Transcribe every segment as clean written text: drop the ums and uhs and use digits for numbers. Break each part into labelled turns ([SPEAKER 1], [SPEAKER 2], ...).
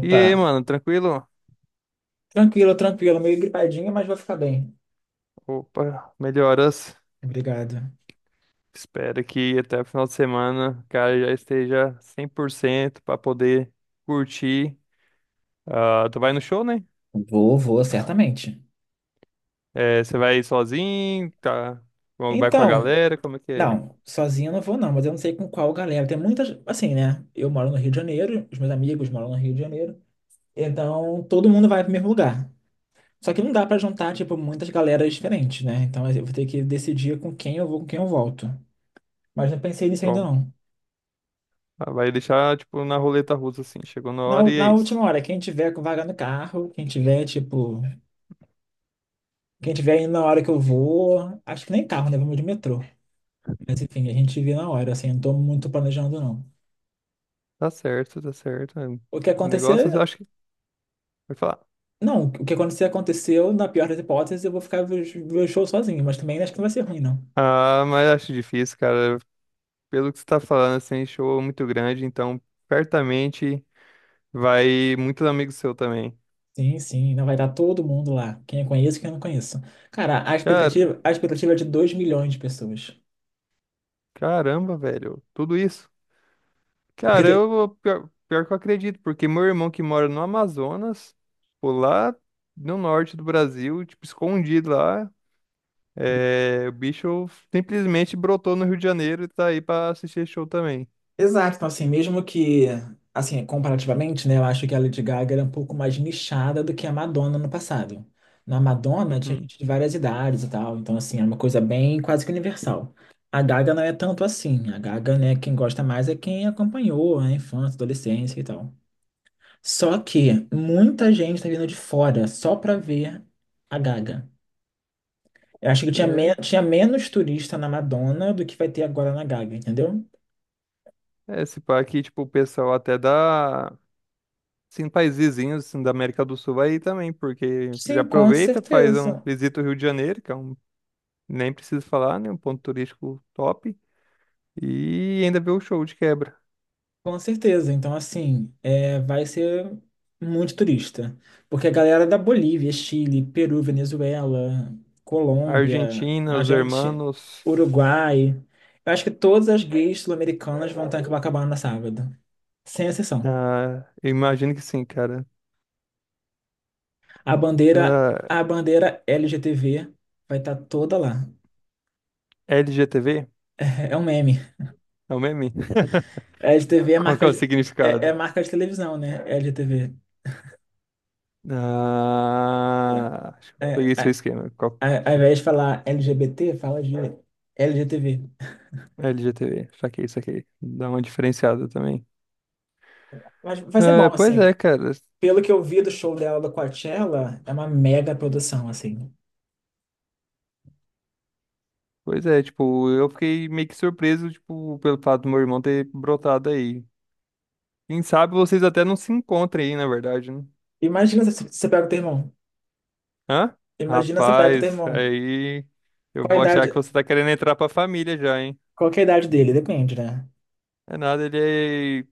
[SPEAKER 1] E aí, mano, tranquilo?
[SPEAKER 2] tranquilo, tranquilo, meio gripadinho, mas vou ficar bem.
[SPEAKER 1] Opa, melhoras.
[SPEAKER 2] Obrigado.
[SPEAKER 1] Espero que até o final de semana o cara já esteja 100% pra poder curtir. Ah, tu vai no show, né?
[SPEAKER 2] Vou, vou, certamente.
[SPEAKER 1] É, você vai sozinho, tá? Ou vai com a
[SPEAKER 2] Então,
[SPEAKER 1] galera, como é que é?
[SPEAKER 2] não, sozinho eu não vou não, mas eu não sei com qual galera. Tem muitas, assim, né? Eu moro no Rio de Janeiro, os meus amigos moram no Rio de Janeiro, então todo mundo vai pro mesmo lugar. Só que não dá pra juntar, tipo, muitas galeras diferentes, né? Então eu vou ter que decidir com quem eu vou, com quem eu volto. Mas não pensei nisso ainda
[SPEAKER 1] Qual-
[SPEAKER 2] não.
[SPEAKER 1] ah, vai deixar, tipo, na roleta russa, assim. Chegou na hora e é
[SPEAKER 2] Na
[SPEAKER 1] isso.
[SPEAKER 2] última hora, quem tiver com vaga no carro, quem tiver, tipo, quem tiver indo na hora que eu vou, acho que nem carro, né? Vamos de metrô. Mas enfim, a gente vê na hora, assim, eu não tô muito planejando, não.
[SPEAKER 1] Tá certo, tá certo. É, o
[SPEAKER 2] O que acontecer,
[SPEAKER 1] negócio, eu acho que... Vai falar.
[SPEAKER 2] não, o que acontecer, aconteceu. Na pior das hipóteses, eu vou ficar ver o show sozinho, mas também acho que não vai ser ruim, não.
[SPEAKER 1] Ah, mas acho difícil, cara. Pelo que você tá falando, assim, show muito grande, então, certamente... Vai muitos amigos seu também.
[SPEAKER 2] Sim, sim, não vai dar todo mundo lá, quem eu conheço e quem eu não conheço. Cara,
[SPEAKER 1] Cara,
[SPEAKER 2] a expectativa é de 2 milhões de pessoas.
[SPEAKER 1] caramba, velho. Tudo isso.
[SPEAKER 2] Porque
[SPEAKER 1] Cara,
[SPEAKER 2] te-
[SPEAKER 1] eu pior, pior que eu acredito, porque meu irmão que mora no Amazonas, pô, lá no norte do Brasil, tipo, escondido lá, é, o bicho simplesmente brotou no Rio de Janeiro e tá aí pra assistir esse show também.
[SPEAKER 2] Exato, então assim, mesmo que, assim, comparativamente, né, eu acho que a Lady Gaga era um pouco mais nichada do que a Madonna no passado. Na Madonna tinha
[SPEAKER 1] Uhum.
[SPEAKER 2] gente de várias idades e tal, então assim, era uma coisa bem quase que universal. A Gaga não é tanto assim, a Gaga, né, quem gosta mais é quem acompanhou a infância, adolescência e tal. Só que muita gente tá vindo de fora só pra ver a Gaga. Eu acho que tinha, tinha menos turista na Madonna do que vai ter agora na Gaga, entendeu?
[SPEAKER 1] É, é, se pá aqui, tipo, o pessoal até da. Sim, países vizinhos assim, da América do Sul aí também, porque já
[SPEAKER 2] Sim, com
[SPEAKER 1] aproveita, faz um
[SPEAKER 2] certeza.
[SPEAKER 1] visita o Rio de Janeiro, que é um nem preciso falar, né? Um ponto turístico top. E ainda ver o show de quebra.
[SPEAKER 2] Com certeza. Então, assim, é, vai ser muito turista. Porque a galera da Bolívia, Chile, Peru, Venezuela,
[SPEAKER 1] A
[SPEAKER 2] Colômbia,
[SPEAKER 1] Argentina,
[SPEAKER 2] a
[SPEAKER 1] os
[SPEAKER 2] gente,
[SPEAKER 1] Hermanos.
[SPEAKER 2] Uruguai. Eu acho que todas as gays sul-americanas vão estar em Copacabana sábado. Sem exceção.
[SPEAKER 1] Ah, eu imagino que sim, cara. Ah,
[SPEAKER 2] A bandeira LGTV vai estar toda lá.
[SPEAKER 1] LGTV?
[SPEAKER 2] É um meme.
[SPEAKER 1] É o meme?
[SPEAKER 2] LGTV é
[SPEAKER 1] Qual que
[SPEAKER 2] marca
[SPEAKER 1] é o
[SPEAKER 2] de, é, é
[SPEAKER 1] significado?
[SPEAKER 2] marca de televisão, né? LGTV.
[SPEAKER 1] Ah, acho que eu
[SPEAKER 2] É,
[SPEAKER 1] peguei seu esquema. Qual-
[SPEAKER 2] ao invés de falar LGBT, fala de LGTV.
[SPEAKER 1] LGTV, saquei, saquei. Dá uma diferenciada também.
[SPEAKER 2] Mas vai ser
[SPEAKER 1] Ah,
[SPEAKER 2] bom,
[SPEAKER 1] pois é,
[SPEAKER 2] assim.
[SPEAKER 1] cara.
[SPEAKER 2] Pelo que eu vi do show dela do Coachella, é uma mega produção, assim.
[SPEAKER 1] Pois é, tipo, eu fiquei meio que surpreso, tipo, pelo fato do meu irmão ter brotado aí. Quem sabe vocês até não se encontrem aí, na verdade, né?
[SPEAKER 2] Imagina se você pega o teu irmão.
[SPEAKER 1] Hã?
[SPEAKER 2] Imagina se você pega o teu
[SPEAKER 1] Rapaz,
[SPEAKER 2] irmão.
[SPEAKER 1] aí eu
[SPEAKER 2] Qual a
[SPEAKER 1] vou achar que
[SPEAKER 2] idade?
[SPEAKER 1] você tá querendo entrar pra família já, hein?
[SPEAKER 2] Qual que é a idade dele? Depende, né?
[SPEAKER 1] É nada, ele é...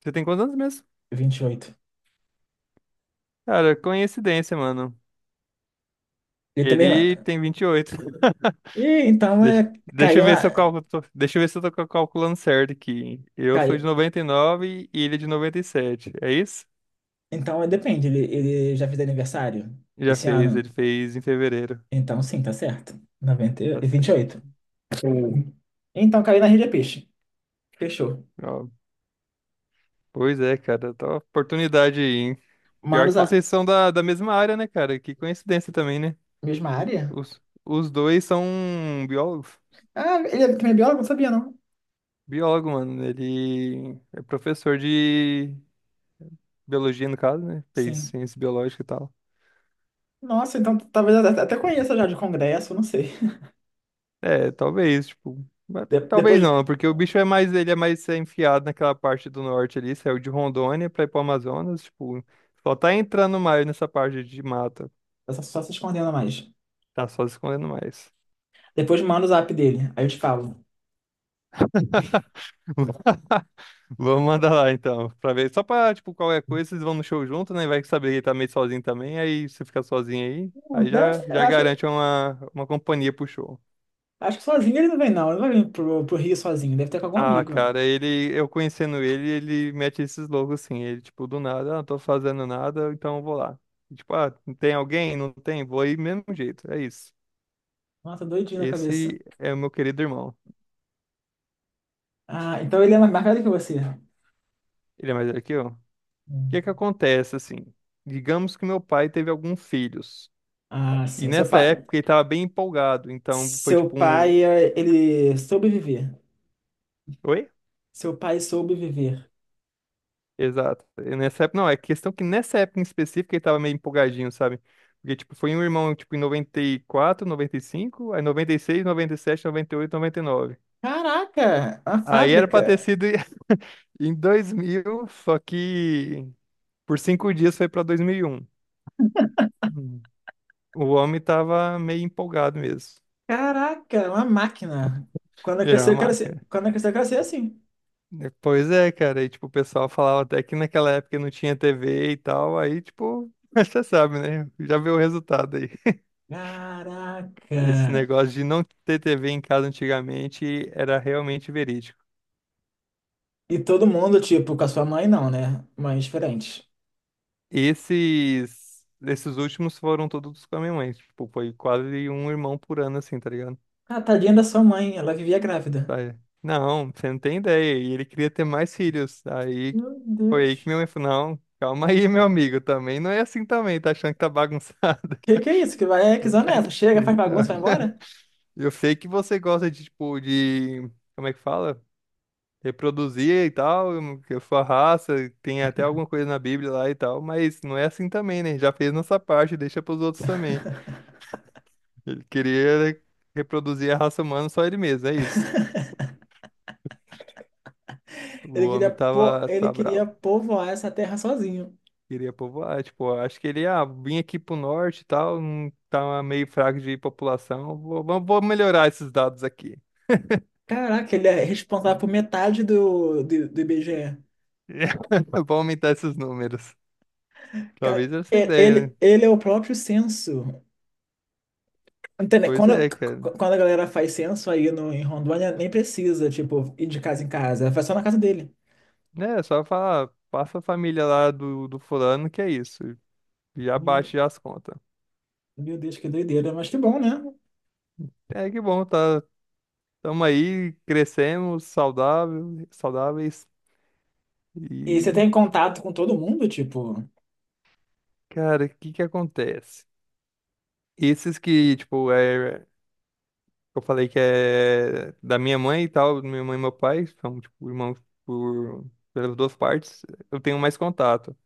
[SPEAKER 1] Você tem quantos anos mesmo?
[SPEAKER 2] Vinte e oito.
[SPEAKER 1] Cara, coincidência, mano.
[SPEAKER 2] Ele também.
[SPEAKER 1] Ele tem 28.
[SPEAKER 2] E então
[SPEAKER 1] Deixa,
[SPEAKER 2] é.
[SPEAKER 1] deixa eu
[SPEAKER 2] Caiu
[SPEAKER 1] ver
[SPEAKER 2] na.
[SPEAKER 1] se eu calculo, deixa eu ver se eu tô calculando certo aqui. Eu sou
[SPEAKER 2] Caiu.
[SPEAKER 1] de 99 e ele é de 97. É isso?
[SPEAKER 2] Então é, depende. Ele já fez aniversário
[SPEAKER 1] Já
[SPEAKER 2] esse
[SPEAKER 1] fez, ele
[SPEAKER 2] ano.
[SPEAKER 1] fez em fevereiro.
[SPEAKER 2] Então sim, tá certo. 90,
[SPEAKER 1] Tá
[SPEAKER 2] e 28.
[SPEAKER 1] certo.
[SPEAKER 2] Sim. Então caiu na rede é peixe. Fechou.
[SPEAKER 1] Ó, pois é, cara, tá uma oportunidade aí, hein? Pior que
[SPEAKER 2] Manos, a
[SPEAKER 1] vocês são da mesma área, né, cara? Que coincidência também, né?
[SPEAKER 2] mesma área?
[SPEAKER 1] Os, os dois são biólogos.
[SPEAKER 2] Ah, ele é também é biólogo? Não sabia, não.
[SPEAKER 1] Biólogo, mano. Ele é professor de biologia, no caso, né? Fez
[SPEAKER 2] Sim.
[SPEAKER 1] ciência biológica e tal.
[SPEAKER 2] Nossa, então talvez eu até conheça já de congresso, não sei.
[SPEAKER 1] É, talvez, tipo. Mas
[SPEAKER 2] De- depois,
[SPEAKER 1] talvez não, porque o bicho é mais, ele é mais é, enfiado naquela parte do norte ali, saiu de Rondônia pra ir pro Amazonas, tipo, só tá entrando mais nessa parte de mata.
[SPEAKER 2] essa só, só se escondendo mais.
[SPEAKER 1] Tá só se escondendo mais.
[SPEAKER 2] Depois manda o zap dele. Aí eu te falo.
[SPEAKER 1] Vamos mandar lá então, pra ver. Só pra, tipo, qualquer coisa, vocês vão no show junto, né? Vai que saber que ele tá meio sozinho também, aí você fica sozinho aí, aí já,
[SPEAKER 2] Eu
[SPEAKER 1] já
[SPEAKER 2] acho,
[SPEAKER 1] garante uma companhia pro show.
[SPEAKER 2] acho que sozinho ele não vem, não. Ele não vai vir pro, pro Rio sozinho. Deve ter com algum
[SPEAKER 1] Ah,
[SPEAKER 2] amigo.
[SPEAKER 1] cara, ele, eu conhecendo ele, ele mete esses loucos assim, ele, tipo, do nada, ah, não tô fazendo nada, então eu vou lá. E, tipo, ah, não tem alguém? Não tem? Vou aí mesmo jeito, é isso.
[SPEAKER 2] Nossa, doidinho na cabeça.
[SPEAKER 1] Esse é o meu querido irmão.
[SPEAKER 2] Ah, então ele é mais velho que você.
[SPEAKER 1] Ele é mais velho que eu. O
[SPEAKER 2] Hum.
[SPEAKER 1] que que acontece, assim? Digamos que meu pai teve alguns filhos.
[SPEAKER 2] Ah,
[SPEAKER 1] E
[SPEAKER 2] sim. Seu
[SPEAKER 1] nessa
[SPEAKER 2] pai.
[SPEAKER 1] época ele tava bem empolgado, então foi
[SPEAKER 2] Seu
[SPEAKER 1] tipo um.
[SPEAKER 2] pai, ele soube viver.
[SPEAKER 1] Oi?
[SPEAKER 2] Seu pai soube viver.
[SPEAKER 1] Exato. E nessa época, não, é questão que nessa época em específico ele tava meio empolgadinho, sabe? Porque, tipo, foi um irmão, tipo, em 94, 95, aí 96, 97, 98, 99.
[SPEAKER 2] Caraca, uma
[SPEAKER 1] Aí era pra ter
[SPEAKER 2] fábrica.
[SPEAKER 1] sido em 2000, só que por 5 dias foi pra 2001. Hum. O homem tava meio empolgado mesmo.
[SPEAKER 2] Caraca, uma máquina. Quando eu
[SPEAKER 1] Ele era
[SPEAKER 2] crescer, eu
[SPEAKER 1] uma
[SPEAKER 2] quero ser.
[SPEAKER 1] máquina.
[SPEAKER 2] Quando eu crescer, eu quero ser assim.
[SPEAKER 1] Né? Pois é, cara. E, tipo, o pessoal falava até que naquela época não tinha TV e tal. Aí, tipo, mas você sabe, né? Já viu o resultado aí. Esse
[SPEAKER 2] Caraca!
[SPEAKER 1] negócio de não ter TV em casa antigamente era realmente verídico.
[SPEAKER 2] E todo mundo, tipo, com a sua mãe não, né? Mães diferentes.
[SPEAKER 1] Esses, esses últimos foram todos com a minha mãe. Tipo, foi quase um irmão por ano, assim, tá ligado?
[SPEAKER 2] Ah, tadinha da sua mãe, ela vivia grávida.
[SPEAKER 1] Tá aí, não, você não tem ideia. E ele queria ter mais filhos. Aí
[SPEAKER 2] Meu
[SPEAKER 1] foi aí que
[SPEAKER 2] Deus.
[SPEAKER 1] minha mãe falou, não, calma aí, meu amigo, também não é assim também, tá achando que tá bagunçado.
[SPEAKER 2] Que é isso? Que vai é que zona é essa? Chega, faz bagunça,
[SPEAKER 1] Então,
[SPEAKER 2] vai embora?
[SPEAKER 1] eu sei que você gosta de, tipo, de. Como é que fala? Reproduzir e tal, que a sua raça, tem até alguma coisa na Bíblia lá e tal, mas não é assim também, né? Já fez nossa parte, deixa pros outros também. Ele queria né, reproduzir a raça humana só ele mesmo, é isso. O
[SPEAKER 2] Ele queria,
[SPEAKER 1] homem
[SPEAKER 2] po...
[SPEAKER 1] tava,
[SPEAKER 2] ele
[SPEAKER 1] tá
[SPEAKER 2] queria
[SPEAKER 1] bravo,
[SPEAKER 2] povoar essa terra sozinho.
[SPEAKER 1] queria povoar, tipo, acho que ele, ah, vim aqui pro norte e tal, não tá meio fraco de população, vou, vou melhorar esses dados aqui.
[SPEAKER 2] Caraca, ele é responsável por metade do IBGE.
[SPEAKER 1] Vou aumentar esses números. Talvez essa ideia, né?
[SPEAKER 2] Ele, ele é o próprio censo. Entende?
[SPEAKER 1] Pois
[SPEAKER 2] Quando,
[SPEAKER 1] é, cara.
[SPEAKER 2] quando a galera faz censo aí no, em Rondônia, nem precisa, tipo, ir de casa em casa. Faz só na casa dele.
[SPEAKER 1] Né, só falar, passa a família lá do, do fulano, que é isso. Já baixa já as contas.
[SPEAKER 2] Meu Deus, que doideira, mas que bom, né?
[SPEAKER 1] É que bom, tá, tamo aí, crescemos, saudável, saudáveis.
[SPEAKER 2] E você
[SPEAKER 1] E,
[SPEAKER 2] tem contato com todo mundo, tipo,
[SPEAKER 1] cara, o que que acontece? Esses que, tipo, é, eu falei que é da minha mãe e tal, minha mãe e meu pai, são, tipo, irmãos por, pelas duas partes, eu tenho mais contato.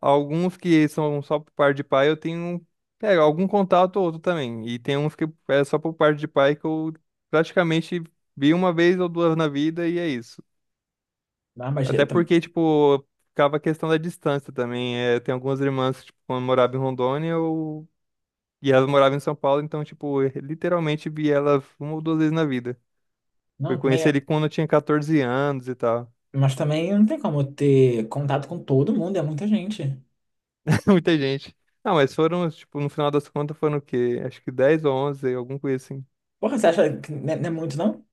[SPEAKER 1] Alguns que são só por parte de pai, eu tenho, um, é, algum contato ou outro também. E tem uns que é só por parte de pai que eu praticamente vi uma vez ou duas na vida e é isso.
[SPEAKER 2] ah, mas
[SPEAKER 1] Até
[SPEAKER 2] eu tam-
[SPEAKER 1] porque, tipo, ficava a questão da distância também. É, tem algumas irmãs que, tipo, quando morava em Rondônia, eu... e elas moravam em São Paulo, então, tipo, eu literalmente vi elas uma ou duas vezes na vida. Fui
[SPEAKER 2] não, também,
[SPEAKER 1] conhecer
[SPEAKER 2] é,
[SPEAKER 1] ele quando eu tinha 14 anos e tal.
[SPEAKER 2] mas também não tem como ter contato com todo mundo, é muita gente.
[SPEAKER 1] Muita gente. Não, mas foram, tipo, no final das contas foram o quê? Acho que 10 ou 11 alguma coisa assim.
[SPEAKER 2] Porra, você acha que não é, não é muito, não?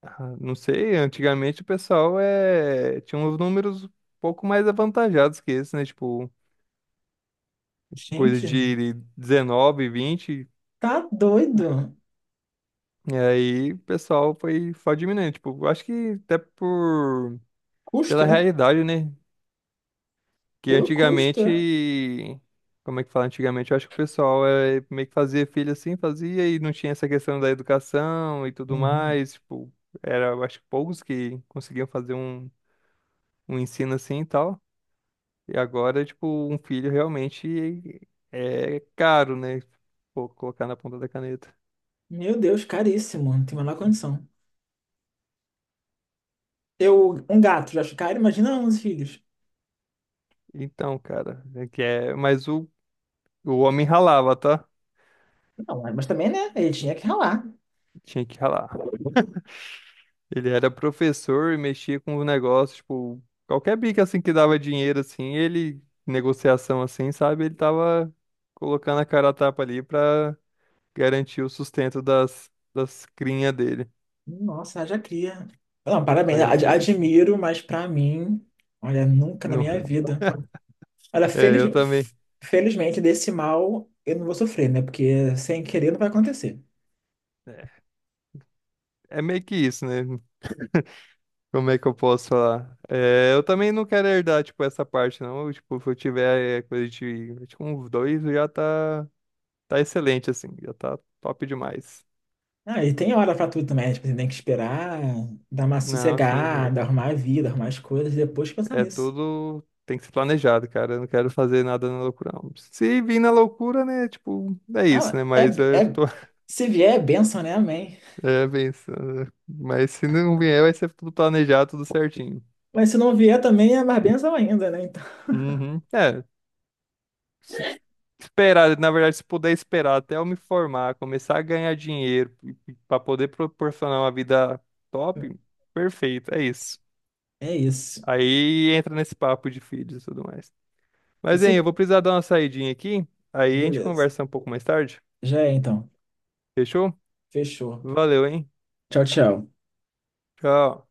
[SPEAKER 1] Ah, não sei, antigamente o pessoal é... tinha uns números um pouco mais avantajados que esse, né? Tipo, coisa
[SPEAKER 2] Gente,
[SPEAKER 1] de 19, 20.
[SPEAKER 2] tá doido.
[SPEAKER 1] E aí o pessoal foi diminuindo. Tipo, eu acho que até por... pela
[SPEAKER 2] Custo, né?
[SPEAKER 1] realidade, né? Que
[SPEAKER 2] Pelo custo, é.
[SPEAKER 1] antigamente. Como é que fala? Antigamente eu acho que o pessoal é... meio que fazia filho assim, fazia e não tinha essa questão da educação e tudo
[SPEAKER 2] Uhum.
[SPEAKER 1] mais. Tipo, era, eu acho que poucos que conseguiam fazer um, um ensino assim e tal. E agora, tipo, um filho realmente é caro, né? Pô, colocar na ponta da caneta.
[SPEAKER 2] Meu Deus, caríssimo, não tem a menor condição. Eu, um gato, já acho caro, imagina 11 filhos.
[SPEAKER 1] Então, cara, é que é... mas o homem ralava, tá?
[SPEAKER 2] Não, mas também, né? Ele tinha que ralar.
[SPEAKER 1] Tinha que ralar. Ele era professor e mexia com o negócio, tipo, qualquer bico assim que dava dinheiro, assim, ele, negociação assim, sabe? Ele tava colocando a cara a tapa ali pra garantir o sustento das crinhas dele.
[SPEAKER 2] Nossa, haja cria. Não, parabéns,
[SPEAKER 1] Ah, já criei.
[SPEAKER 2] admiro, mas pra mim, olha, nunca na
[SPEAKER 1] Não.
[SPEAKER 2] minha vida. Olha,
[SPEAKER 1] É,
[SPEAKER 2] feliz,
[SPEAKER 1] eu também.
[SPEAKER 2] felizmente desse mal eu não vou sofrer, né? Porque sem querer não vai acontecer.
[SPEAKER 1] É, é meio que isso, né? Como é que eu posso falar? É, eu também não quero herdar, tipo, essa parte, não. Eu, tipo, se eu tiver é, coisa de, tipo, uns dois, já tá, tá excelente, assim. Já tá top demais.
[SPEAKER 2] Ah, e tem hora pra tudo também, né? Tipo, você tem que esperar, dar uma
[SPEAKER 1] Não, assim,
[SPEAKER 2] sossegada,
[SPEAKER 1] é,
[SPEAKER 2] arrumar a vida, arrumar as coisas, e depois pensar
[SPEAKER 1] é
[SPEAKER 2] nisso.
[SPEAKER 1] tudo... Tem que ser planejado, cara. Eu não quero fazer nada na loucura, não. Se vir na loucura, né, tipo, é isso,
[SPEAKER 2] Ah,
[SPEAKER 1] né?
[SPEAKER 2] é,
[SPEAKER 1] Mas eu
[SPEAKER 2] é,
[SPEAKER 1] tô
[SPEAKER 2] se vier é bênção, né? Amém.
[SPEAKER 1] é, pensando. Né? Mas se não vier, vai ser tudo planejado, tudo certinho.
[SPEAKER 2] Mas se não vier também é mais bênção ainda, né? Então,
[SPEAKER 1] Uhum. É. Esperar, na verdade, se puder esperar até eu me formar, começar a ganhar dinheiro para poder proporcionar uma vida top, perfeito, é isso.
[SPEAKER 2] é isso.
[SPEAKER 1] Aí entra nesse papo de filhos e tudo mais.
[SPEAKER 2] E
[SPEAKER 1] Mas,
[SPEAKER 2] se,
[SPEAKER 1] hein, eu vou precisar dar uma saidinha aqui, aí a gente
[SPEAKER 2] beleza.
[SPEAKER 1] conversa um pouco mais tarde.
[SPEAKER 2] Já é então.
[SPEAKER 1] Fechou?
[SPEAKER 2] Fechou.
[SPEAKER 1] Valeu, hein?
[SPEAKER 2] Tchau, tchau.
[SPEAKER 1] Tchau.